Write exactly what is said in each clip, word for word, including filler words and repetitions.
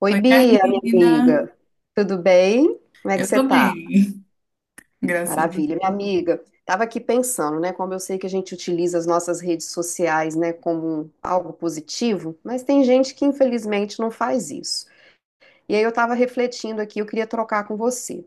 Oi, Oi, Bia, minha Carolina. amiga. Tudo bem? Como é que Eu você tô tá? bem, graças a Deus. Maravilha, minha amiga. Tava aqui pensando, né, como eu sei que a gente utiliza as nossas redes sociais, né, como algo positivo, mas tem gente que infelizmente não faz isso. E aí eu tava refletindo aqui, eu queria trocar com você.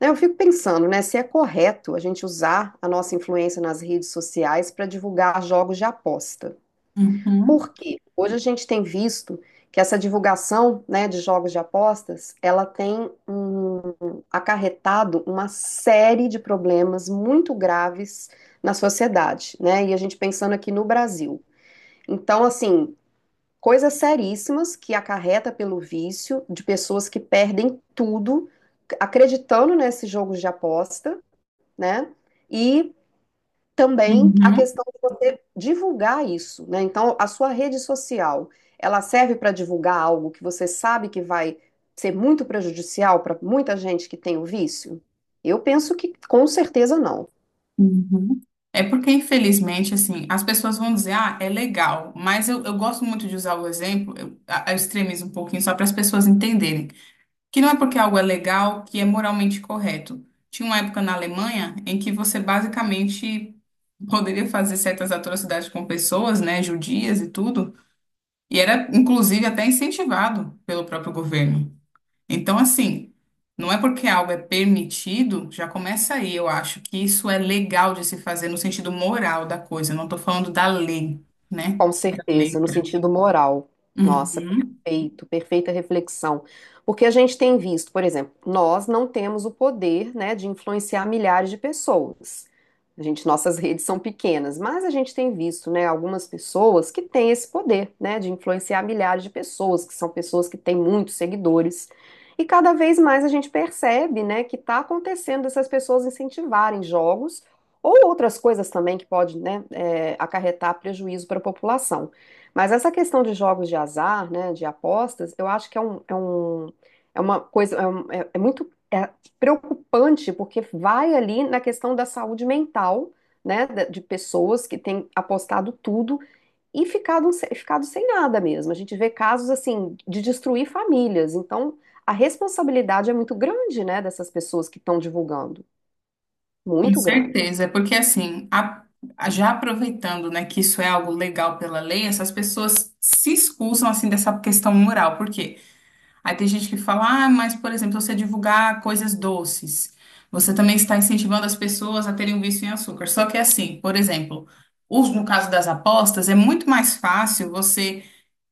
Né, eu fico pensando, né, se é correto a gente usar a nossa influência nas redes sociais para divulgar jogos de aposta. Uhum. Porque hoje a gente tem visto que essa divulgação, né, de jogos de apostas, ela tem hum, acarretado uma série de problemas muito graves na sociedade, né? E a gente pensando aqui no Brasil. Então, assim, coisas seríssimas que acarreta pelo vício de pessoas que perdem tudo acreditando nesses jogos de aposta, né? E também a Uhum. questão de você divulgar isso, né? Então, a sua rede social, ela serve para divulgar algo que você sabe que vai ser muito prejudicial para muita gente que tem o vício? Eu penso que com certeza não. Uhum. É porque, infelizmente, assim, as pessoas vão dizer, ah, é legal, mas eu, eu gosto muito de usar o exemplo, eu, a- eu extremizo um pouquinho só para as pessoas entenderem, que não é porque algo é legal que é moralmente correto. Tinha uma época na Alemanha em que você basicamente poderia fazer certas atrocidades com pessoas, né, judias e tudo, e era, inclusive, até incentivado pelo próprio governo. Então, assim, não é porque algo é permitido, já começa aí. Eu acho que isso é legal de se fazer no sentido moral da coisa. Eu não estou falando da lei, né? Com Da certeza, no letra. sentido moral. Nossa, Uhum. perfeito, perfeita reflexão. Porque a gente tem visto, por exemplo, nós não temos o poder, né, de influenciar milhares de pessoas. A gente, nossas redes são pequenas, mas a gente tem visto, né, algumas pessoas que têm esse poder, né, de influenciar milhares de pessoas, que são pessoas que têm muitos seguidores. E cada vez mais a gente percebe, né, que está acontecendo essas pessoas incentivarem jogos ou outras coisas também que pode, né, é, acarretar prejuízo para a população. Mas essa questão de jogos de azar, né, de apostas, eu acho que é um, é um, é uma coisa, é, um- é- é muito é preocupante, porque vai ali na questão da saúde mental, né, da- de pessoas que têm apostado tudo e ficado, se- ficado sem nada mesmo. A gente vê casos, assim, de destruir famílias. Então, a responsabilidade é muito grande, né, dessas pessoas que estão divulgando. Com Muito grande. certeza. É porque, assim, a- a- já aproveitando, né, que isso é algo legal pela lei, essas pessoas se excusam, assim, dessa questão moral. Porque Aí tem gente que fala, ah, mas, por exemplo, você divulgar coisas doces, você também está incentivando as pessoas a terem um vício em açúcar. Só que é assim, por exemplo, os- no caso das apostas, é muito mais fácil você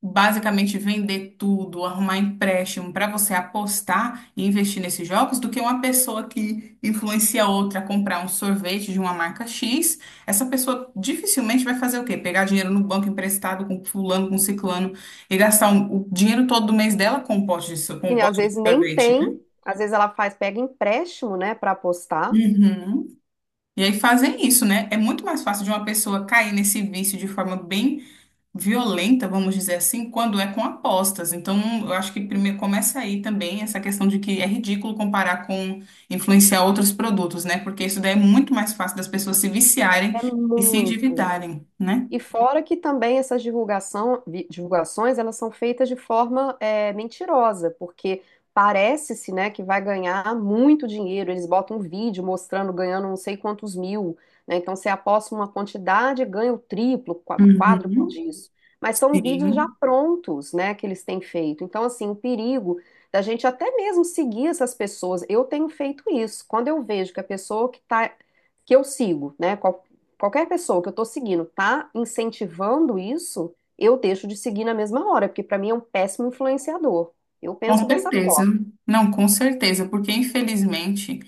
basicamente vender tudo, arrumar empréstimo para você apostar e investir nesses jogos, do que uma pessoa que influencia outra a comprar um sorvete de uma marca X. Essa pessoa dificilmente vai fazer o quê? Pegar dinheiro no banco emprestado com fulano, com ciclano e gastar um- o dinheiro todo do mês dela com um pote de, so- com um E às pote de vezes nem sorvete, tem, né? às vezes ela faz, pega empréstimo, né, para apostar. Uhum. E aí fazem isso, né? É muito mais fácil de uma pessoa cair nesse vício de forma bem violenta, vamos dizer assim, quando é com apostas. Então, eu acho que primeiro começa aí também essa questão de que é ridículo comparar com influenciar outros produtos, né? Porque isso daí é muito mais fácil das pessoas se viciarem É e se muito. endividarem, né? E fora que também essas divulgação, vi- divulgações, elas são feitas de forma é, mentirosa, porque parece-se, né, que vai ganhar muito dinheiro. Eles botam um vídeo mostrando ganhando não sei quantos mil, né? Então você aposta uma quantidade, e ganha o triplo, qua- quádruplo Uhum. disso. Mas são vídeos já Sim. prontos, né, que eles têm feito. Então, assim, o perigo da gente até mesmo seguir essas pessoas. Eu tenho feito isso. Quando eu vejo que a pessoa que está que eu sigo, né? Qualquer pessoa que eu tô seguindo tá incentivando isso, eu deixo de seguir na mesma hora, porque pra mim é um péssimo influenciador. Eu Com penso dessa certeza. forma. Não, com certeza, porque infelizmente.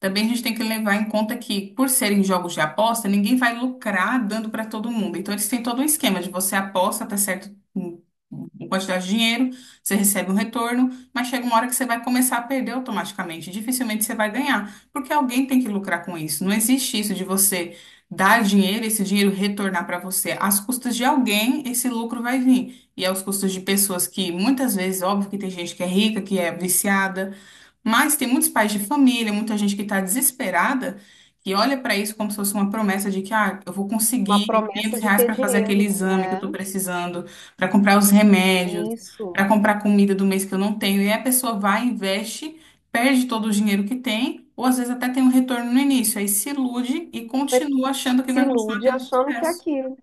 Também a gente tem que levar em conta que, por serem jogos de aposta, ninguém vai lucrar dando para todo mundo. Então, eles têm todo um esquema de você aposta até certo um- uma quantidade de dinheiro, você recebe um retorno, mas chega uma hora que você vai começar a perder automaticamente. Dificilmente você vai ganhar, porque alguém tem que lucrar com isso. Não existe isso de você dar dinheiro, esse dinheiro retornar para você. Às custas de alguém, esse lucro vai vir. E aos custos de pessoas que muitas vezes, óbvio que tem gente que é rica, que é viciada. Mas tem muitos pais de família, muita gente que está desesperada, que olha para isso como se fosse uma promessa de que ah, eu vou Uma conseguir promessa 500 de reais ter para fazer aquele dinheiro. exame que eu É, estou precisando, para comprar os remédios, para isso. comprar comida do mês que eu não tenho. E aí a pessoa vai, investe, perde todo o dinheiro que tem, ou às vezes até tem um retorno no início, aí se ilude e continua achando que Se vai continuar ilude tendo achando que é sucesso. aquilo.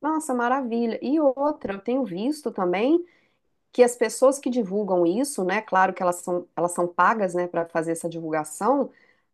Nossa, maravilha. E outra, eu tenho visto também que as pessoas que divulgam isso, né? Claro que elas são, elas são pagas, né, para fazer essa divulgação.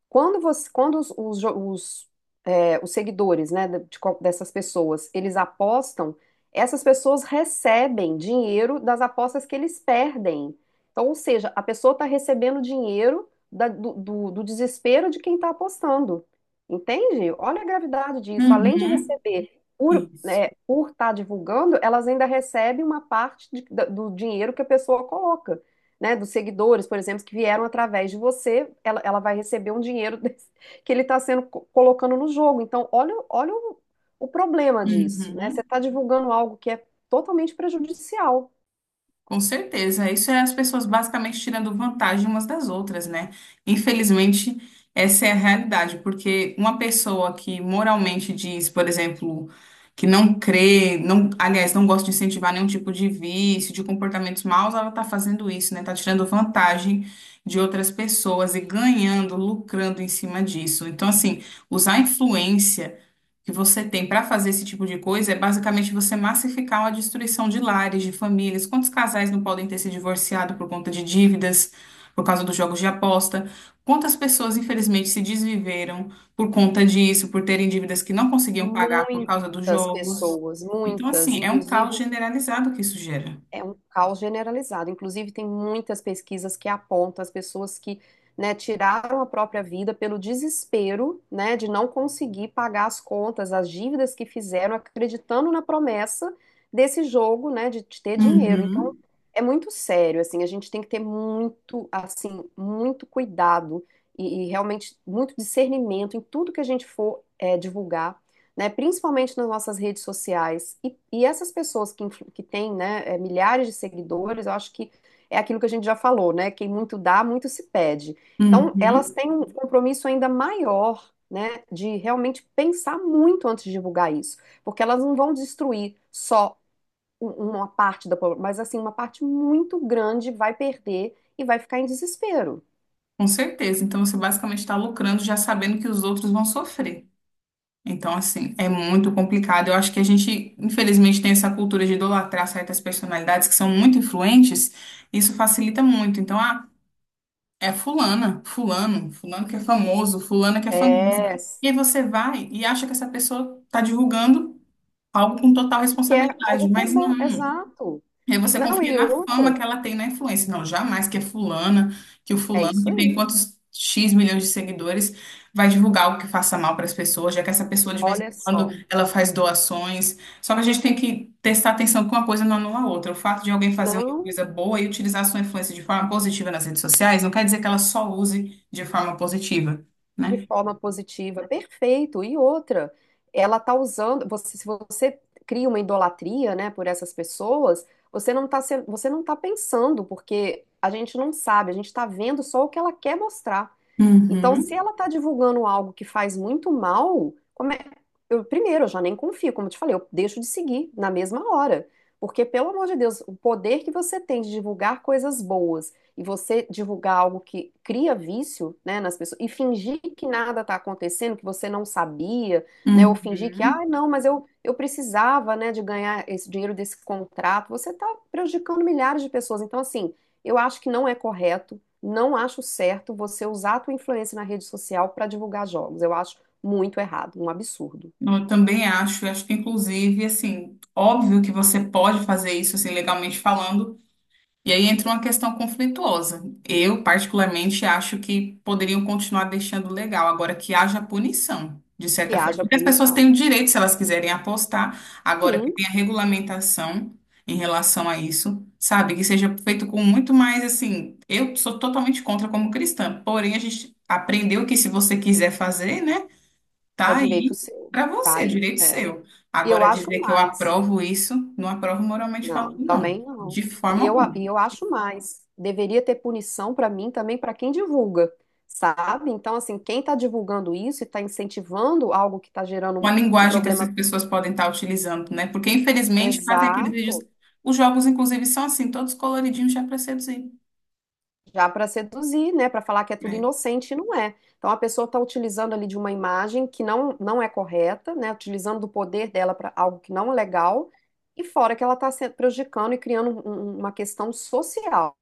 Quando você, quando os, os, jo- os, é, os seguidores, né, de- de qual- dessas pessoas, eles apostam, essas pessoas recebem dinheiro das apostas que eles perdem. Então, ou seja, a pessoa está recebendo dinheiro da- do, do- do desespero de quem está apostando. Entende? Olha a gravidade disso. Além de Uhum. receber por, Isso. estar divulgando, elas ainda recebem uma parte de- da- do dinheiro que a pessoa coloca, né, dos seguidores, por exemplo, que vieram através de você, ela, ela vai receber um dinheiro desse- que ele está sendo co- colocando no jogo. Então, olha, o- olha o, o problema disso, né? Você Uhum. está divulgando algo que é totalmente prejudicial. Com certeza, isso é as pessoas basicamente tirando vantagem umas das outras, né? Infelizmente, essa é a realidade, porque uma pessoa que moralmente diz, por exemplo, que não crê, não, aliás, não gosta de incentivar nenhum tipo de vício, de comportamentos maus, ela tá fazendo isso, né? Tá tirando vantagem de outras pessoas e ganhando, lucrando em cima disso. Então, assim, usar a influência que você tem para fazer esse tipo de coisa é basicamente você massificar uma destruição de lares, de famílias. Quantos casais não podem ter se divorciado por conta de dívidas, por causa dos jogos de aposta? Quantas pessoas, infelizmente, se desviveram por conta disso, por terem dívidas que não conseguiam pagar por causa dos Muitas jogos? pessoas, Então, muitas, assim, é um caos inclusive. generalizado que isso gera. É um caos generalizado. Inclusive, tem muitas pesquisas que apontam as pessoas que, né, tiraram a própria vida pelo desespero, né, de não conseguir pagar as contas, as dívidas que fizeram, acreditando na promessa desse jogo, né, de de ter dinheiro. Então, Uhum. é muito sério, assim, a gente tem que ter muito, assim, muito cuidado e, e realmente muito discernimento em tudo que a gente for, eh, divulgar, né, principalmente nas nossas redes sociais. E, e essas pessoas que, influ- que têm, né, eh, milhares de seguidores, eu acho que é aquilo que a gente já falou, né? Quem muito dá, muito se pede. Então, elas Uhum. têm um compromisso ainda maior, né, de realmente pensar muito antes de divulgar isso, porque elas não vão destruir só um- uma parte da população, mas assim, uma parte muito grande vai perder e vai ficar em desespero. Com certeza. Então, você basicamente está lucrando já sabendo que os outros vão sofrer. Então, assim, é muito complicado. Eu acho que a gente, infelizmente, tem essa cultura de idolatrar certas personalidades que são muito influentes. Isso facilita muito. Então, ah, é fulana, fulano, fulano que é famoso, fulana que é famosa. É, E aí você vai e acha que essa pessoa está divulgando algo com total que é responsabilidade, algo que é mas bom, não. exato. E aí você Não, confia e na fama outra, que ela tem na influência. Não, jamais que é fulana, que o é fulano isso que tem aí. quantos X milhões de seguidores vai divulgar algo que faça mal para as pessoas, já que essa pessoa de vez em Olha quando só, ela faz doações. Só que a gente tem que prestar atenção que uma coisa não anula a outra. O fato de alguém fazer uma não coisa boa e utilizar a sua influência de forma positiva nas redes sociais não quer dizer que ela só use de forma positiva, de né? forma positiva, perfeito. E outra, ela tá usando, você, se você cria uma idolatria, né, por essas pessoas, você não tá sendo, você não tá pensando, porque a gente não sabe, a gente tá vendo só o que ela quer mostrar. Então, se Uhum. ela está divulgando algo que faz muito mal, como é- eu, primeiro, eu já nem confio, como eu te falei, eu deixo de seguir na mesma hora. Porque, pelo amor de Deus, o poder que você tem de divulgar coisas boas e você divulgar algo que cria vício, né, nas pessoas e fingir que nada está acontecendo, que você não sabia, né, ou fingir que, Uhum. ah, não, mas eu, eu precisava, né, de ganhar esse dinheiro desse contrato, você está prejudicando milhares de pessoas. Então, assim, eu acho que não é correto, não acho certo você usar a tua influência na rede social para divulgar jogos. Eu acho muito errado, um absurdo Não, eu também acho, eu acho que inclusive, assim, óbvio que você pode fazer isso, assim, legalmente falando, e aí entra uma questão conflituosa. Eu, particularmente, acho que poderiam continuar deixando legal, agora que haja punição, de que certa forma. haja Porque as pessoas têm o punição. direito, se elas quiserem apostar, agora que Sim, tem a regulamentação em relação a isso, sabe? Que seja feito com muito mais, assim, eu sou totalmente contra como cristã, porém a gente aprendeu que se você quiser fazer, né? é Tá direito aí seu, para tá você, aí. direito É. seu. E eu Agora, acho dizer que eu mais. aprovo isso, não aprovo moralmente falando, Não, não. também não. De forma E eu, a- alguma. E eu acho mais. Deveria ter punição para mim também para quem divulga, sabe? Então, assim, quem está divulgando isso e está incentivando algo que está gerando Uma um, um linguagem que essas problema. pessoas podem estar utilizando, né? Porque, infelizmente, fazem aqueles vídeos. Exato. Os jogos, inclusive, são assim, todos coloridinhos já para seduzir, Já para seduzir, né, para falar que é tudo né? inocente, não é. Então a pessoa está utilizando ali de uma imagem que não, não é correta, né, utilizando do poder dela para algo que não é legal, e fora que ela está se prejudicando e criando um- um- uma questão social.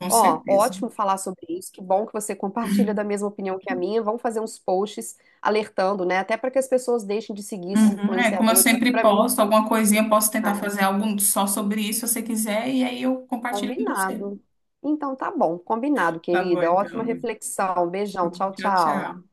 Com Ó, certeza. ótimo falar sobre isso, que bom que você compartilha da mesma opinião que a minha. Vamos fazer uns posts alertando, né, até para que as pessoas deixem de seguir esses Uhum. É, como eu influenciadores. sempre Para mim, posto, alguma coisinha, eu posso tentar não. fazer algo só sobre isso, se você quiser, e aí eu compartilho com você. Combinado. Então tá bom, combinado, Tá bom, querida. Ótima então. reflexão. Beijão, Sim, tchau, tchau, tchau. tchau.